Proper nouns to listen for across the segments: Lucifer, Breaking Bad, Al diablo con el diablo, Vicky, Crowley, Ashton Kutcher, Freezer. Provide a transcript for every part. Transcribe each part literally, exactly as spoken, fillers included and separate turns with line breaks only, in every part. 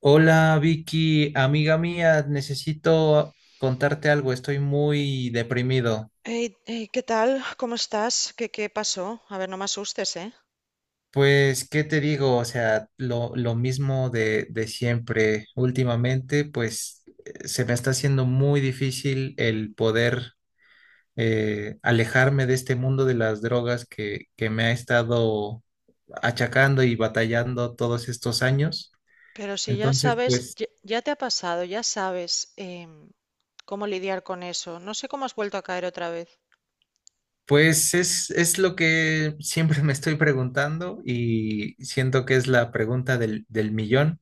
Hola Vicky, amiga mía, necesito contarte algo, estoy muy deprimido.
Hey, hey, ¿qué tal? ¿Cómo estás? ¿Qué, qué pasó? A ver, no me asustes, ¿eh?
Pues, ¿qué te digo? O sea, lo, lo mismo de, de siempre. Últimamente, pues, eh, se me está haciendo muy difícil el poder eh, alejarme de este mundo de las drogas que, que me ha estado achacando y batallando todos estos años.
Pero si ya
Entonces,
sabes,
pues,
ya, ya te ha pasado, ya sabes em, cómo lidiar con eso. No sé cómo has vuelto a caer otra vez.
Pues es, es lo que siempre me estoy preguntando y siento que es la pregunta del, del millón.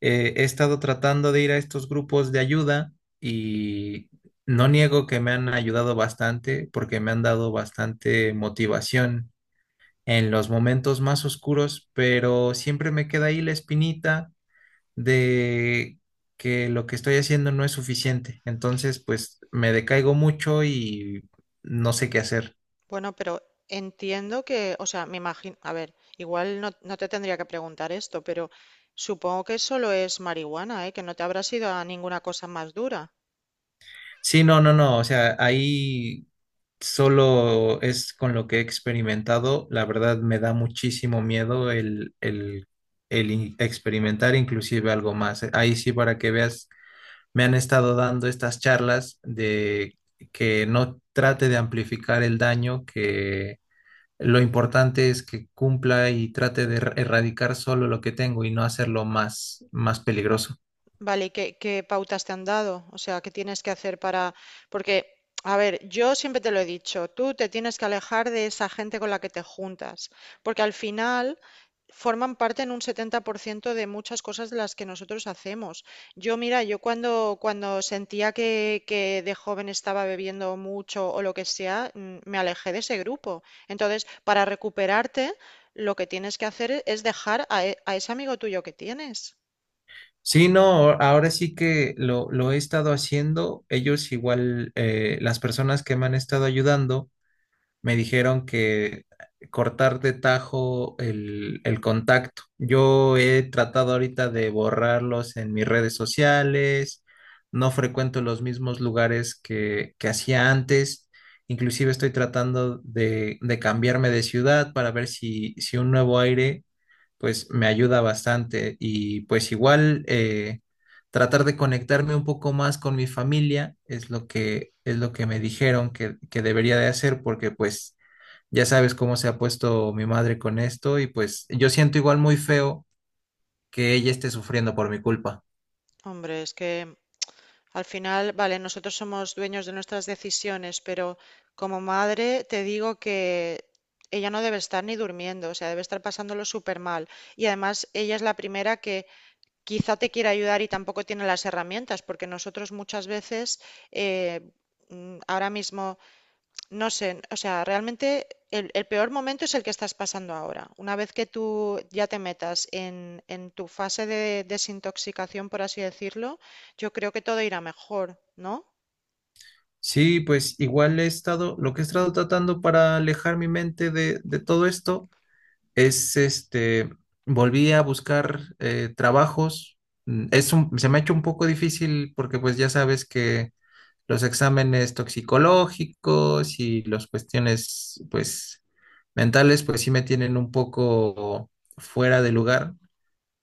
Eh, he estado tratando de ir a estos grupos de ayuda y no niego que me han ayudado bastante porque me han dado bastante motivación en los momentos más oscuros, pero siempre me queda ahí la espinita de que lo que estoy haciendo no es suficiente. Entonces, pues me decaigo mucho y no sé qué hacer.
Bueno, pero entiendo que, o sea, me imagino, a ver, igual no, no te tendría que preguntar esto, pero supongo que solo es marihuana, ¿eh? Que no te habrás ido a ninguna cosa más dura.
Sí, no, no, no, o sea, ahí solo es con lo que he experimentado. La verdad me da muchísimo miedo el, el, el in- experimentar inclusive algo más. eh, Ahí sí, para que veas, me han estado dando estas charlas de que no trate de amplificar el daño, que lo importante es que cumpla y trate de er- erradicar solo lo que tengo y no hacerlo más, más peligroso.
Vale, ¿y qué, qué pautas te han dado? O sea, ¿qué tienes que hacer para...? Porque, a ver, yo siempre te lo he dicho, tú te tienes que alejar de esa gente con la que te juntas, porque al final forman parte en un setenta por ciento de muchas cosas de las que nosotros hacemos. Yo, mira, yo cuando, cuando sentía que, que de joven estaba bebiendo mucho o lo que sea, mm, me alejé de ese grupo. Entonces, para recuperarte, lo que tienes que hacer es dejar a, e- a ese amigo tuyo que tienes.
Sí, no, ahora sí que lo, lo he estado haciendo. Ellos igual, eh, las personas que me han estado ayudando me dijeron que cortar de tajo el, el contacto. Yo he tratado ahorita de borrarlos en mis redes sociales, no frecuento los mismos lugares que, que hacía antes. Inclusive estoy tratando de, de cambiarme de ciudad para ver si, si un nuevo aire pues me ayuda bastante. Y pues igual eh, tratar de conectarme un poco más con mi familia es lo que es lo que me dijeron que, que debería de hacer, porque pues ya sabes cómo se ha puesto mi madre con esto, y pues yo siento igual muy feo que ella esté sufriendo por mi culpa.
Hombre, es que... Al final, vale, nosotros somos dueños de nuestras decisiones, pero como madre te digo que ella no debe estar ni durmiendo, o sea, debe estar pasándolo súper mal. Y además, ella es la primera que quizá te quiera ayudar y tampoco tiene las herramientas, porque nosotros muchas veces, eh, mm, ahora mismo no sé, o sea, realmente el, el peor momento es el que estás pasando ahora. Una vez que tú ya te metas en, en tu fase de desintoxicación, por así decirlo, yo creo que todo irá mejor, ¿no?
Sí, pues igual he estado, lo que he estado tratando para alejar mi mente de, de todo esto es este, volví a buscar eh, trabajos. Mm, Es un- se me ha hecho un poco difícil porque pues ya sabes que los exámenes toxicológicos y las cuestiones pues mentales pues sí me tienen un poco fuera de lugar,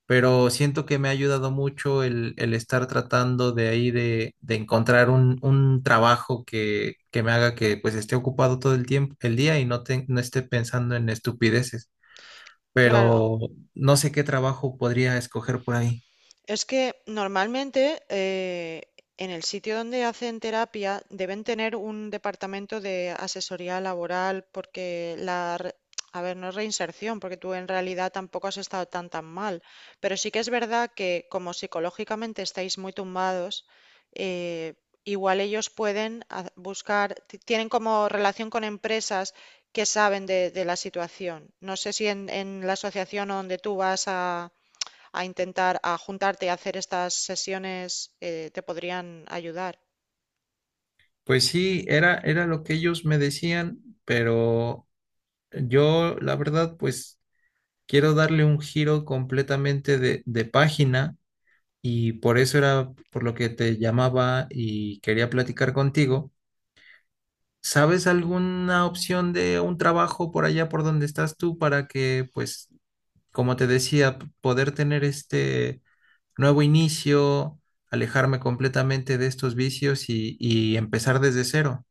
pero siento que me ha ayudado mucho el, el estar tratando de ahí de, de encontrar un, un trabajo que, que me haga que pues esté ocupado todo el tiempo, el día, y no, te- no esté pensando en estupideces,
Claro.
pero no sé qué trabajo podría escoger por ahí.
Es que normalmente eh, en el sitio donde hacen terapia deben tener un departamento de asesoría laboral porque la... re- A ver, no es reinserción, porque tú en realidad tampoco has estado tan tan mal, pero sí que es verdad que como psicológicamente estáis muy tumbados, eh, igual ellos pueden ha- buscar, ti- tienen como relación con empresas que saben de, de la situación. No sé si en, en la asociación o donde tú vas a intentar, a juntarte, a hacer estas sesiones, eh, te podrían ayudar.
Pues sí, era, era lo que ellos me decían, pero yo la verdad pues quiero darle un giro completamente de, de página, y por eso era por lo que te llamaba y quería platicar contigo. ¿Sabes alguna opción de un trabajo por allá por donde estás tú para que, pues, como te decía, p- poder tener este nuevo inicio, alejarme completamente de estos vicios y, y empezar desde cero?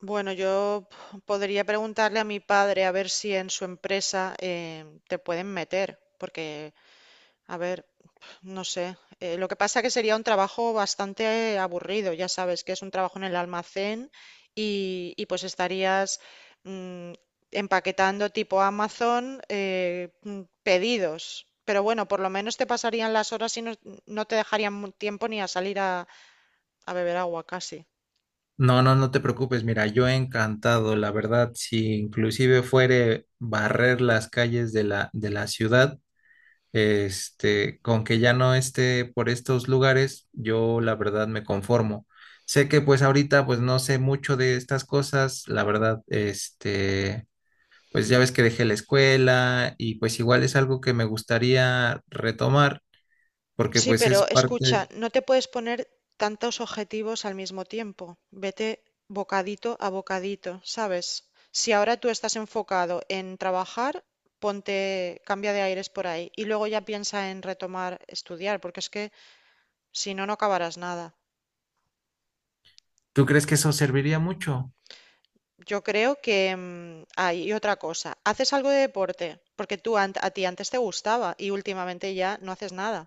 Bueno, yo podría preguntarle a mi padre a ver si en su empresa eh, te pueden meter, porque, a ver, no sé, eh, lo que pasa que sería un trabajo bastante aburrido, ya sabes que es un trabajo en el almacén y, y pues estarías mm, empaquetando tipo Amazon eh, mm, pedidos, pero bueno, por lo menos te pasarían las horas y no, no te dejarían mu- tiempo ni a salir a, a beber agua casi.
No, no, no te preocupes, mira, yo encantado, la verdad, si inclusive fuere barrer las calles de la, de la ciudad. Este, con que ya no esté por estos lugares, yo la verdad me conformo. Sé que pues ahorita pues no sé mucho de estas cosas, la verdad, este, pues ya ves que dejé la escuela y pues igual es algo que me gustaría retomar porque
Sí,
pues
pero
es parte,
escucha, no te puedes poner tantos objetivos al mismo tiempo. Vete bocadito a bocadito, ¿sabes? Si ahora tú estás enfocado en trabajar, ponte, cambia de aires por ahí y luego ya piensa en retomar estudiar, porque es que si no, no acabarás nada.
¿tú crees que eso serviría mucho?
Yo creo que mm, ah, y otra cosa, haces algo de deporte, porque tú ant- a ti antes te gustaba y últimamente ya no haces nada.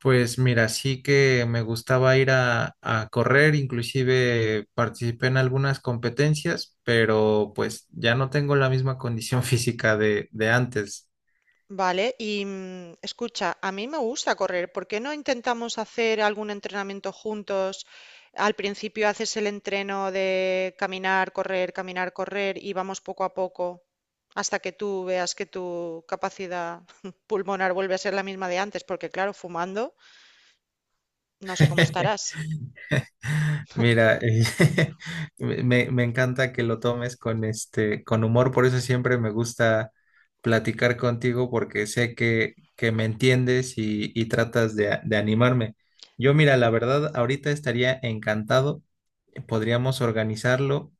Pues mira, sí que me gustaba ir a, a correr, inclusive participé en algunas competencias, pero pues ya no tengo la misma condición física de, de antes.
Vale, y mm, escucha, a mí me gusta correr. ¿Por qué no intentamos hacer algún entrenamiento juntos? Al principio haces el entreno de caminar, correr, caminar, correr y vamos poco a poco hasta que tú veas que tu capacidad pulmonar vuelve a ser la misma de antes, porque claro, fumando, no sé cómo estarás.
Mira, eh, me, me encanta que lo tomes con este, con humor. Por eso siempre me gusta platicar contigo, porque sé que, que me entiendes y, y tratas de, de animarme. Yo, mira, la verdad, ahorita estaría encantado, eh, podríamos organizarlo.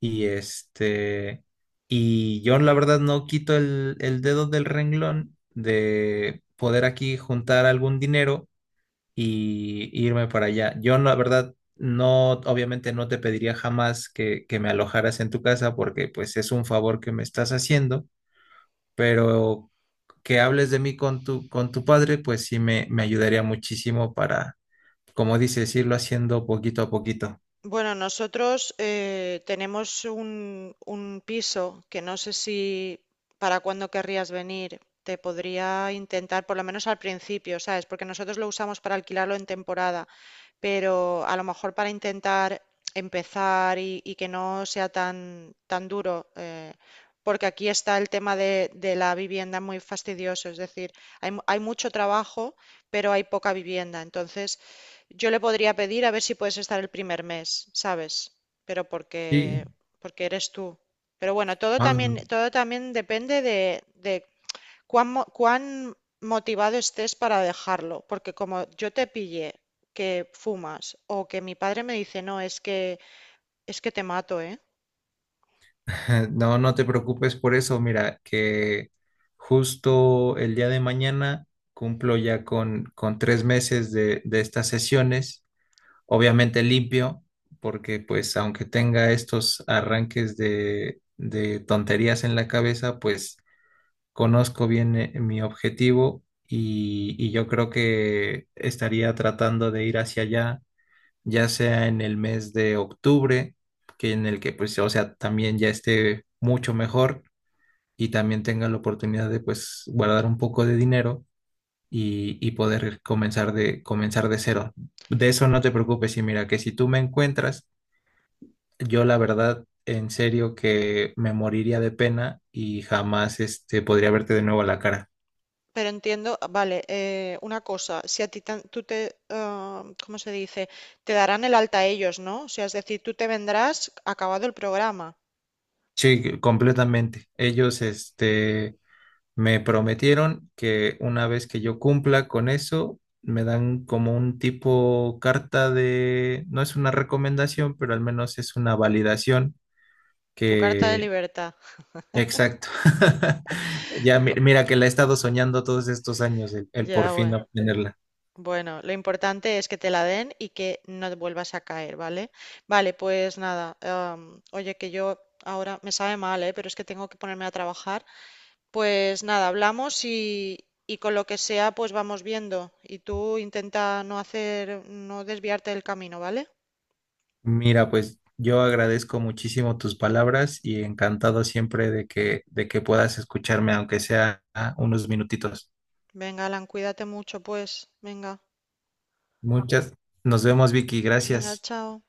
Y este, y yo la verdad no quito el, el dedo del renglón de poder aquí juntar algún dinero y irme para allá. Yo la verdad no, obviamente no te pediría jamás que, que me alojaras en tu casa, porque pues es un favor que me estás haciendo, pero que hables de mí con tu, con tu padre, pues sí me, me ayudaría muchísimo para, como dices, irlo haciendo poquito a poquito.
Bueno, nosotros eh, tenemos un, un piso que no sé si para cuándo querrías venir. Te podría intentar, por lo menos al principio, ¿sabes? Porque nosotros lo usamos para alquilarlo en temporada, pero a lo mejor para intentar empezar y, y que no sea tan, tan duro, eh, porque aquí está el tema de, de la vivienda muy fastidioso, es decir, hay, mu- hay mucho trabajo, pero hay poca vivienda. Entonces, yo le podría pedir a ver si puedes estar el primer mes, ¿sabes? Pero porque,
Sí,
porque eres tú. Pero bueno, todo también,
ah,
todo también depende de, de cuán, mo- cuán motivado estés para dejarlo, porque como yo te pille que fumas o que mi padre me dice, no, es que es que te mato, ¿eh?
No, no te preocupes por eso. Mira, que justo el día de mañana cumplo ya con, con tres meses de, de estas sesiones. Obviamente limpio, porque pues aunque tenga estos arranques de, de tonterías en la cabeza, pues conozco bien eh, mi objetivo, y, y yo creo que estaría tratando de ir hacia allá ya sea en el mes de octubre, que en el que pues, o sea, también ya esté mucho mejor y también tenga la oportunidad de pues guardar un poco de dinero y, y poder comenzar de, comenzar de cero. De eso no te preocupes, y mira que si tú me encuentras, yo la verdad, en serio que me moriría de pena y jamás este, podría verte de nuevo a la cara.
Pero entiendo, ah, vale, eh, una cosa, si a ti tan- tú te, ah, ¿cómo se dice? Te darán el alta ellos, ¿no? O sea, es decir, tú te vendrás acabado el programa,
Sí, completamente. Ellos, este, me prometieron que una vez que yo cumpla con eso, me dan como un tipo carta de, no es una recomendación, pero al menos es una validación
tu carta de
que,
libertad.
exacto. Ya mi-
Va-
mira que la he estado soñando todos estos años, el, el por
ya,
fin
bueno.
obtenerla.
Bueno, lo importante es que te la den y que no te vuelvas a caer, ¿vale? Vale, pues nada, am, oye, que yo ahora me sabe mal, ¿eh? Pero es que tengo que ponerme a trabajar. Pues nada, hablamos y, y con lo que sea, pues vamos viendo. Y tú intenta no hacer, no desviarte del camino, ¿vale?
Mira, pues yo agradezco muchísimo tus palabras y encantado siempre de que, de que puedas escucharme, aunque sea ah, unos minutitos.
Venga, Alan, cuídate mucho, pues. Venga,
Muchas. Nos vemos, Vicky.
venga,
Gracias.
chao.